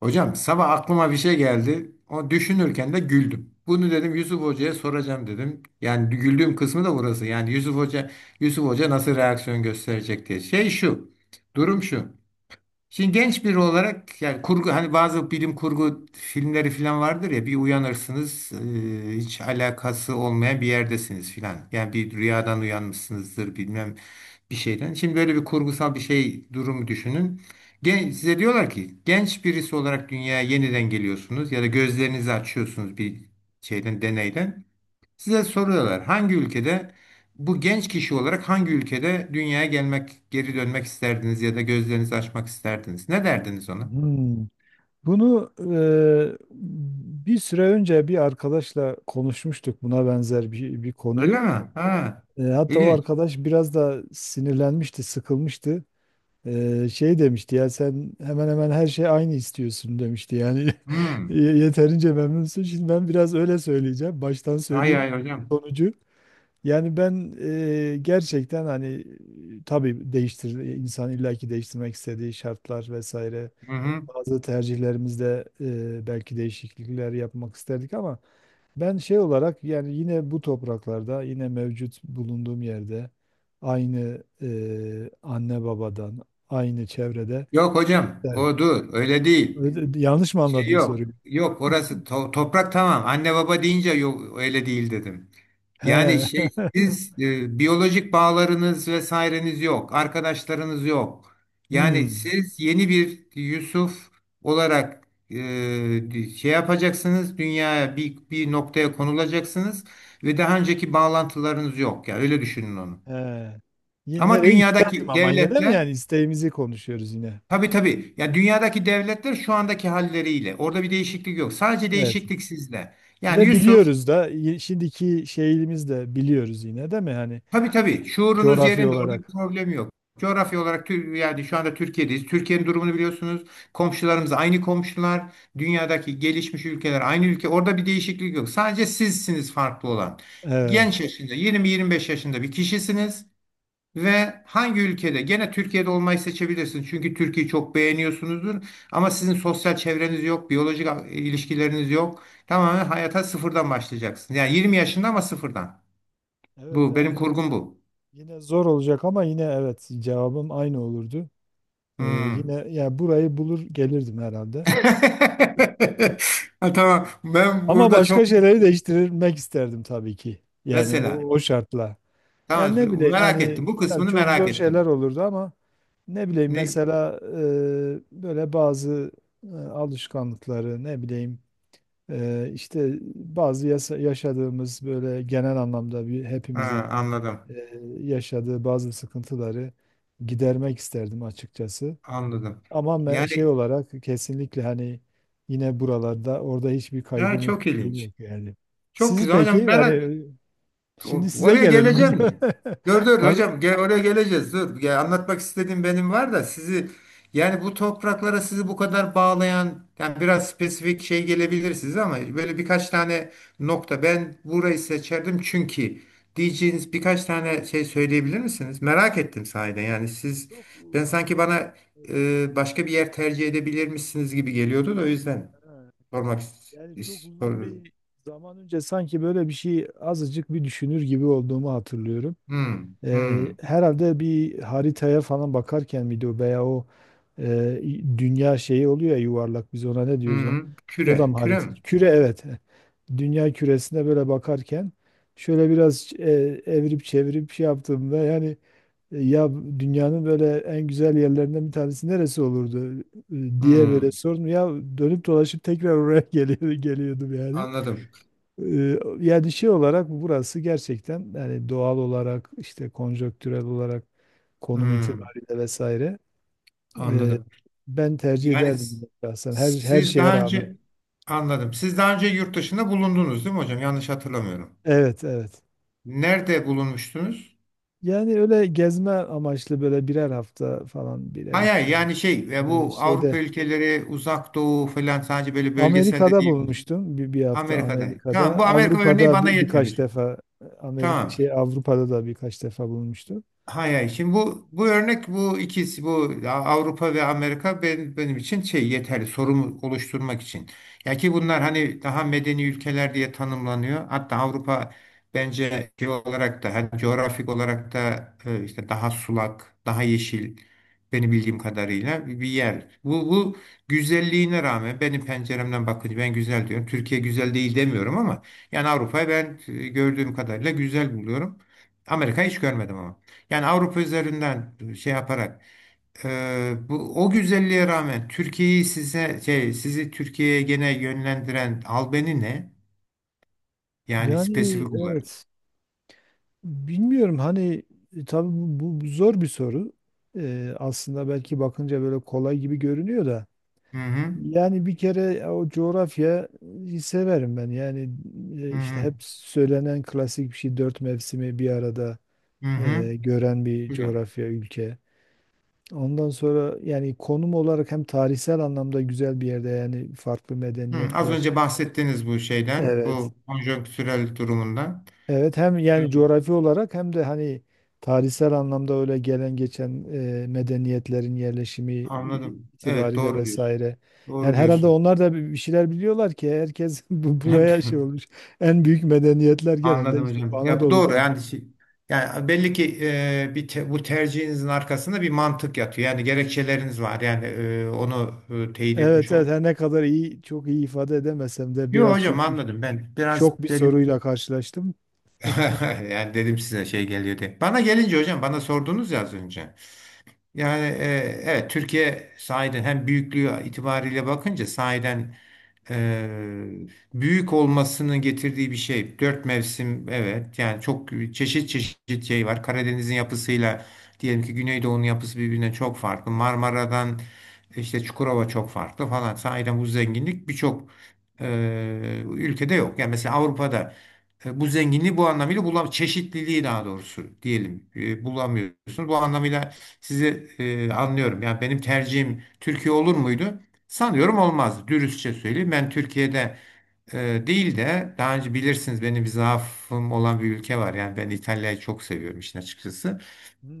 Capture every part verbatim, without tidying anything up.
Hocam, sabah aklıma bir şey geldi. O düşünürken de güldüm. Bunu dedim, Yusuf Hoca'ya soracağım dedim. Yani güldüğüm kısmı da burası. Yani Yusuf Hoca Yusuf Hoca nasıl reaksiyon gösterecek diye. Şey şu. Durum şu. Şimdi genç biri olarak, yani kurgu, hani bazı bilim kurgu filmleri falan vardır ya, bir uyanırsınız e, hiç alakası olmayan bir yerdesiniz filan. Yani bir rüyadan uyanmışsınızdır, bilmem bir şeyden. Şimdi böyle bir kurgusal bir şey durumu düşünün. Gen size diyorlar ki, genç birisi olarak dünyaya yeniden geliyorsunuz ya da gözlerinizi açıyorsunuz bir şeyden, deneyden. Size soruyorlar, hangi ülkede, bu genç kişi olarak hangi ülkede dünyaya gelmek, geri dönmek isterdiniz ya da gözlerinizi açmak isterdiniz? Ne derdiniz ona? Hmm. Bunu e, bir süre önce bir arkadaşla konuşmuştuk buna benzer bir, bir Öyle konuyu. mi? Ha. E, hatta o ilginç. arkadaş biraz da sinirlenmişti, sıkılmıştı. E, şey demişti ya sen hemen hemen her şey aynı istiyorsun demişti. Yani Hmm. ye- yeterince memnunsun. Şimdi ben biraz öyle söyleyeceğim. Baştan Hay söyleyeyim hay hocam. sonucu. Yani ben e, gerçekten hani e, tabii değiştir insan illaki değiştirmek istediği şartlar vesaire Hı hı. bazı tercihlerimizde e, belki değişiklikler yapmak isterdik ama ben şey olarak yani yine bu topraklarda yine mevcut bulunduğum yerde aynı e, anne babadan aynı çevrede. Yok hocam. Evet. O dur. Öyle değil. Öyle- yanlış mı Şey anladım yok. soruyu? Yok, orası to- toprak tamam. Anne baba deyince yok öyle değil dedim. Yani He. şey, siz e, biyolojik bağlarınız, vesaireniz yok, arkadaşlarınız yok. Yani Hmm. siz yeni bir Yusuf olarak e, şey yapacaksınız, dünyaya bir, bir noktaya konulacaksınız ve daha önceki bağlantılarınız yok. Yani öyle düşünün onu. He. Yine Ama nereyi isterdim dünyadaki ama yine de mi yani devletler isteğimizi konuşuyoruz yine. Tabii tabii, ya dünyadaki devletler şu andaki halleriyle, orada bir değişiklik yok. Sadece Evet. değişiklik sizde. Yani Ve Yusuf biliyoruz da y- şimdiki şeyimiz de biliyoruz yine değil mi? Hani Tabii tabii. Şuurunuz coğrafi yerinde. Orada bir olarak. problem yok. Coğrafya olarak Tür- yani şu anda Türkiye'deyiz. Türkiye'nin durumunu biliyorsunuz. Komşularımız aynı komşular. Dünyadaki gelişmiş ülkeler aynı ülke. Orada bir değişiklik yok. Sadece sizsiniz farklı olan. Genç Evet. yaşında, yirmi yirmi beş yaşında bir kişisiniz ve hangi ülkede, gene Türkiye'de olmayı seçebilirsiniz. Çünkü Türkiye'yi çok beğeniyorsunuzdur ama sizin sosyal çevreniz yok, biyolojik e, ilişkileriniz yok. Tamamen hayata sıfırdan başlayacaksınız. Yani yirmi yaşında ama sıfırdan. Evet Bu benim yani kurgum bu. yine zor olacak ama yine evet cevabım aynı olurdu. Ee, yine Hmm. yani burayı bulur gelirdim herhalde. Ha, tamam. Ben Ama burada çok başka şeyleri değiştirmek isterdim tabii ki. Yani mesela. o, o şartla. Yani Tamam. ne bileyim Merak hani ettim. Bu tabii kısmını çok merak zor şeyler ettim. olurdu ama ne bileyim Ne? mesela e, böyle bazı e, alışkanlıkları ne bileyim, e, işte bazı yasa- yaşadığımız böyle genel anlamda bir hepimizin Ha, anladım. e, yaşadığı bazı sıkıntıları gidermek isterdim açıkçası. Anladım. Ama me- Yani şey olarak kesinlikle hani yine buralarda orada hiçbir ha, kaygım çok yok, şeyim ilginç. yok yani. Çok Sizi güzel peki hocam. Merak yani O- şimdi size Oraya gelelim geleceğim hocam. ya. Dur dur An- hocam, gel, oraya geleceğiz. Dur. Ya, anlatmak istediğim benim var da, sizi, yani bu topraklara sizi bu kadar bağlayan, yani biraz spesifik şey gelebilir size ama böyle birkaç tane nokta, ben burayı seçerdim çünkü diyeceğiniz birkaç tane şey söyleyebilir misiniz? Merak ettim sahiden. Yani siz Çok u- ben sanki uzun, bana evet, e, başka bir yer tercih edebilirmişsiniz gibi geliyordu, da o yüzden ha, sormak yani çok uzun istiyorum. bir zaman önce sanki böyle bir şey azıcık bir düşünür gibi olduğumu hatırlıyorum. Hmm, Eee, hmm, Herhalde bir haritaya falan bakarken miydi o veya o eee, dünya şeyi oluyor ya yuvarlak biz ona ne diyoruz o? hmm. O da Küre, mı küre harita? mi? Küre evet. Dünya küresine böyle bakarken şöyle biraz eee, evirip çevirip şey yaptığımda yani e, ya dünyanın böyle en güzel yerlerinden bir tanesi neresi olurdu e, diye böyle Hmm, sordum. Ya dönüp dolaşıp tekrar oraya geliyor, geliyordum yani. anladım. Ee, Yani şey olarak burası gerçekten yani doğal olarak işte konjonktürel olarak konum Hmm, itibariyle vesaire, e, anladım. ben tercih Yani s- ederdim şahsen her her siz şeye daha rağmen. önce anladım. Siz daha önce yurt dışında bulundunuz değil mi hocam? Yanlış hatırlamıyorum. Evet evet. Nerede bulunmuştunuz? Yani öyle gezme amaçlı böyle birer hafta falan birer Hayır, hayır, ikişer. yani şey, e, Ee, bu Avrupa Şeyde ülkeleri, Uzak Doğu falan, sadece böyle bölgesel de Amerika'da değil. bulmuştum bir, bir hafta Amerika'da. Tamam, Amerika'da. bu Amerika örneği Avrupa'da bana bir- yeter birkaç hocam. defa Amerika Tamam. şey Avrupa'da da birkaç defa bulmuştum. Hay hay. Şimdi bu bu örnek, bu ikisi, bu Avrupa ve Amerika, benim, benim için şey, yeterli sorumu oluşturmak için. Ya ki bunlar hani daha medeni ülkeler diye tanımlanıyor. Hatta Avrupa bence şey olarak da, hani coğrafik olarak da, e, işte daha sulak, daha yeşil, benim bildiğim kadarıyla bir yer. Bu bu güzelliğine rağmen, benim penceremden bakınca ben güzel diyorum. Türkiye güzel değil demiyorum ama yani Avrupa'yı ben e, gördüğüm kadarıyla güzel buluyorum. Amerika'yı hiç görmedim ama. Yani Avrupa üzerinden şey yaparak, e, bu o güzelliğe rağmen, Türkiye'yi size şey, sizi Türkiye'ye gene yönlendiren albeni ne? Yani Yani spesifik olarak. evet, bilmiyorum hani, e, tabii bu, bu- bu zor bir soru. Ee, aslında belki bakınca böyle kolay gibi görünüyor da. Hı hı. Yani bir kere e, o coğrafyayı severim ben. Yani e, Hı işte hı. hep söylenen klasik bir şey dört mevsimi bir arada Hı hı. e, gören bir Güzel. coğrafya ülke. Ondan sonra yani konum olarak hem tarihsel anlamda güzel bir yerde yani farklı Hı, az medeniyetler. önce bahsettiğiniz bu şeyden, Evet. bu konjonktürel durumundan. Evet hem yani Evet, coğrafi olarak hem de hani tarihsel anlamda öyle gelen geçen e, medeniyetlerin yerleşimi i- anladım. Evet, itibariyle doğru diyorsun. vesaire. Yani Doğru herhalde diyorsun. onlar da bir şeyler biliyorlar ki herkes bu- buraya şey olmuş. En büyük medeniyetler genelde Anladım işte bu hocam. Ya bu doğru, Anadolu'dan. yani şey- yani belli ki e, bir te- bu tercihinizin arkasında bir mantık yatıyor. Yani gerekçeleriniz var. Yani e, onu e, teyit etmiş Evet evet, oldum. her ne kadar iyi çok iyi ifade edemesem de Yok biraz, hocam, çünkü anladım ben. şok bir Biraz dedim, soruyla karşılaştım. yani dedim, size şey geliyor diye. Bana gelince hocam, bana sordunuz ya az önce. Yani e, evet, Türkiye sahiden hem büyüklüğü itibariyle bakınca sahiden, Eee, büyük olmasının getirdiği bir şey. Dört mevsim, evet, yani çok çeşit çeşit şey var. Karadeniz'in yapısıyla diyelim ki Güneydoğu'nun yapısı birbirinden çok farklı. Marmara'dan işte Çukurova çok farklı falan. Sahiden bu zenginlik birçok eee, ülkede yok. Yani mesela Avrupa'da e, bu zenginliği, bu anlamıyla bulam, çeşitliliği daha doğrusu diyelim, e, bulamıyorsunuz. Bu anlamıyla sizi e, anlıyorum. Yani benim tercihim Türkiye olur muydu? Sanıyorum olmaz. Dürüstçe söyleyeyim. Ben Türkiye'de e, değil de, daha önce bilirsiniz, benim bir zaafım olan bir ülke var. Yani ben İtalya'yı çok seviyorum işin açıkçası.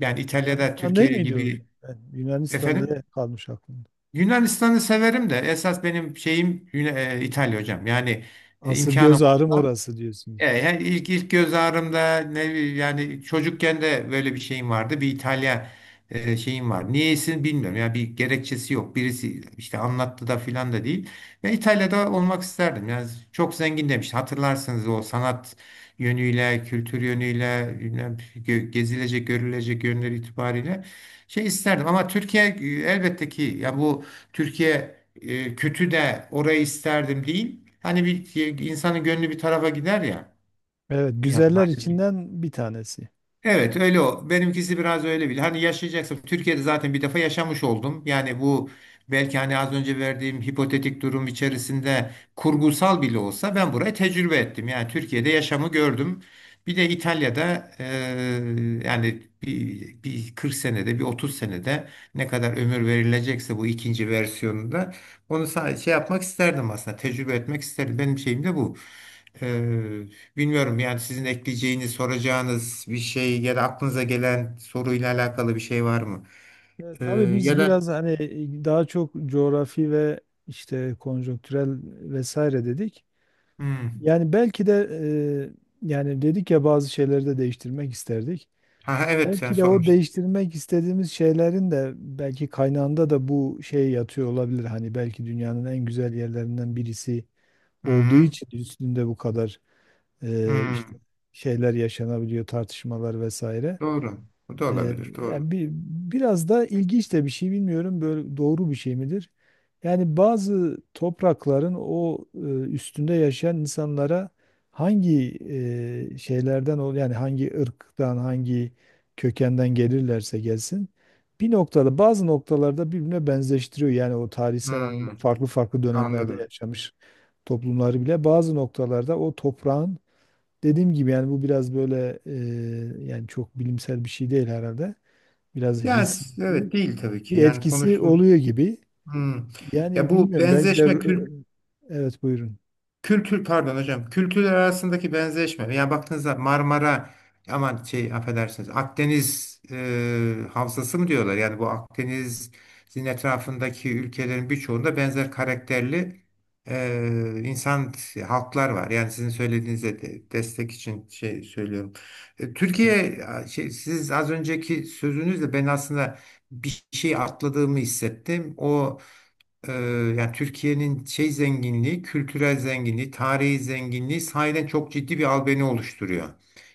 Yani İtalya'da Yunanistan değil Türkiye miydi hocam? gibi, Ben Yunanistan efendim, diye kalmış aklımda. Yunanistan'ı severim de esas benim şeyim Yun- e, İtalya hocam. Yani e, Asıl imkanım göz ağrım olsa. orası E, diyorsunuz. yani ilk, ilk göz ağrımda, ne bileyim, yani çocukken de böyle bir şeyim vardı. Bir İtalya e, şeyim var. Niyeyse bilmiyorum. Yani bir gerekçesi yok. Birisi işte anlattı da filan da değil. Ve İtalya'da olmak isterdim. Yani çok zengin demişti, hatırlarsınız, o sanat yönüyle, kültür yönüyle, bilmem, gö- gezilecek, görülecek yönleri itibariyle şey isterdim. Ama Türkiye e, elbette ki ya, bu Türkiye e, kötü de orayı isterdim değil. Hani bir insanın gönlü bir tarafa gider ya. Evet, Ya güzeller madem ki içinden bir tanesi. Evet öyle o. Benimkisi biraz öyle bile. Hani yaşayacaksın. Türkiye'de zaten bir defa yaşamış oldum. Yani bu, belki hani az önce verdiğim hipotetik durum içerisinde, kurgusal bile olsa ben burayı tecrübe ettim. Yani Türkiye'de yaşamı gördüm. Bir de İtalya'da, eee, yani bir, bir kırk senede, bir otuz senede, ne kadar ömür verilecekse, bu ikinci versiyonunda onu sadece şey yapmak isterdim aslında. Tecrübe etmek isterdim. Benim şeyim de bu. Bilmiyorum, yani sizin ekleyeceğiniz, soracağınız bir şey ya da aklınıza gelen soruyla alakalı bir şey var mı? E, Ee, Tabii biz ya da biraz hani daha çok coğrafi ve işte konjonktürel vesaire dedik. hmm. Yani belki de, e, yani dedik ya bazı şeyleri de değiştirmek isterdik. Ha, evet, sen Belki de o sormuştun. değiştirmek istediğimiz şeylerin de belki kaynağında da bu şey yatıyor olabilir. Hani belki dünyanın en güzel yerlerinden birisi olduğu Hı-hı. için üstünde bu kadar Hı. e, işte Hmm. şeyler yaşanabiliyor, tartışmalar vesaire. Doğru. Bu da Ee, olabilir. Doğru. Yani bir, biraz da ilginç de bir şey, bilmiyorum böyle doğru bir şey midir? Yani bazı toprakların o e, üstünde yaşayan insanlara hangi e, şeylerden ol yani hangi ırktan hangi kökenden gelirlerse gelsin bir noktada bazı noktalarda birbirine benzeştiriyor. Yani o tarihsel anlamda Hı, farklı farklı dönemlerde anladım. yaşamış toplumları bile bazı noktalarda o toprağın, dediğim gibi, yani bu biraz böyle, e, yani çok bilimsel bir şey değil herhalde. Biraz Yani hissi s- evet, değil tabii bir ki. Yani etkisi konuştuğumuz. oluyor gibi. Hı. Ya Yani bu bilmiyorum belki de, benzeşme kült e, evet buyurun. kültür, pardon hocam. Kültürler arasındaki benzeşme. Yani baktığınızda, Marmara aman şey, affedersiniz, Akdeniz e, havzası mı diyorlar? Yani bu Akdeniz'in etrafındaki ülkelerin birçoğunda benzer karakterli e, insan halklar var. Yani sizin söylediğinize de, destek için şey söylüyorum. E, Evet. Türkiye a, şey, siz az önceki sözünüzle ben aslında bir şey atladığımı hissettim. O ee, yani Türkiye'nin şey zenginliği, kültürel zenginliği, tarihi zenginliği sahiden çok ciddi bir albeni oluşturuyor.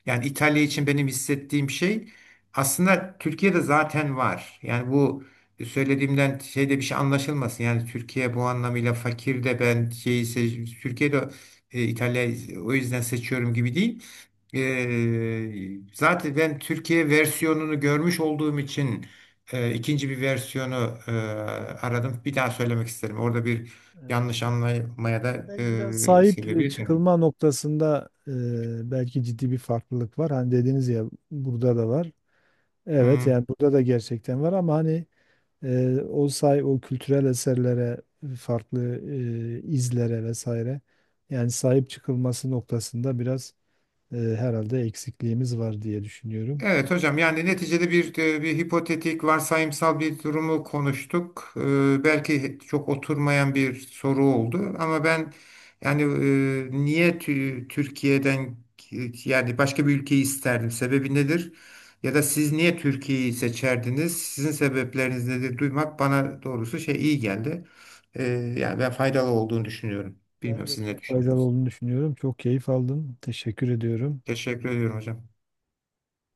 Yani İtalya için benim hissettiğim şey aslında Türkiye'de zaten var. Yani bu söylediğimden şeyde bir şey anlaşılmasın. Yani Türkiye bu anlamıyla fakir de ben şeyi seç- Türkiye'de e, İtalya'yı o yüzden seçiyorum gibi değil. Ee, zaten ben Türkiye versiyonunu görmüş olduğum için e, ikinci bir versiyonu e, aradım. Bir daha söylemek isterim. Orada bir Evet. yanlış anlamaya Ya da belki biraz e, sahip, e, sebebi. çıkılma noktasında, e, belki ciddi bir farklılık var. Hani dediniz ya burada da var. Evet yani burada da gerçekten var ama hani e, o say o kültürel eserlere farklı e, izlere vesaire yani sahip çıkılması noktasında biraz e, herhalde eksikliğimiz var diye düşünüyorum. Evet hocam, yani neticede bir, e, bir hipotetik, varsayımsal bir durumu konuştuk. Ee, belki çok oturmayan bir soru oldu ama ben, yani e, niye tü- Türkiye'den yani başka bir ülkeyi isterdim? Sebebi nedir? Ya da siz niye Türkiye'yi seçerdiniz? Sizin sebepleriniz nedir? Duymak bana doğrusu şey, iyi geldi. Ee, yani ben faydalı olduğunu düşünüyorum. Ben Bilmiyorum, de siz ne çok faydalı düşünüyorsunuz? olduğunu düşünüyorum. Çok keyif aldım. Teşekkür ediyorum. Teşekkür ediyorum hocam.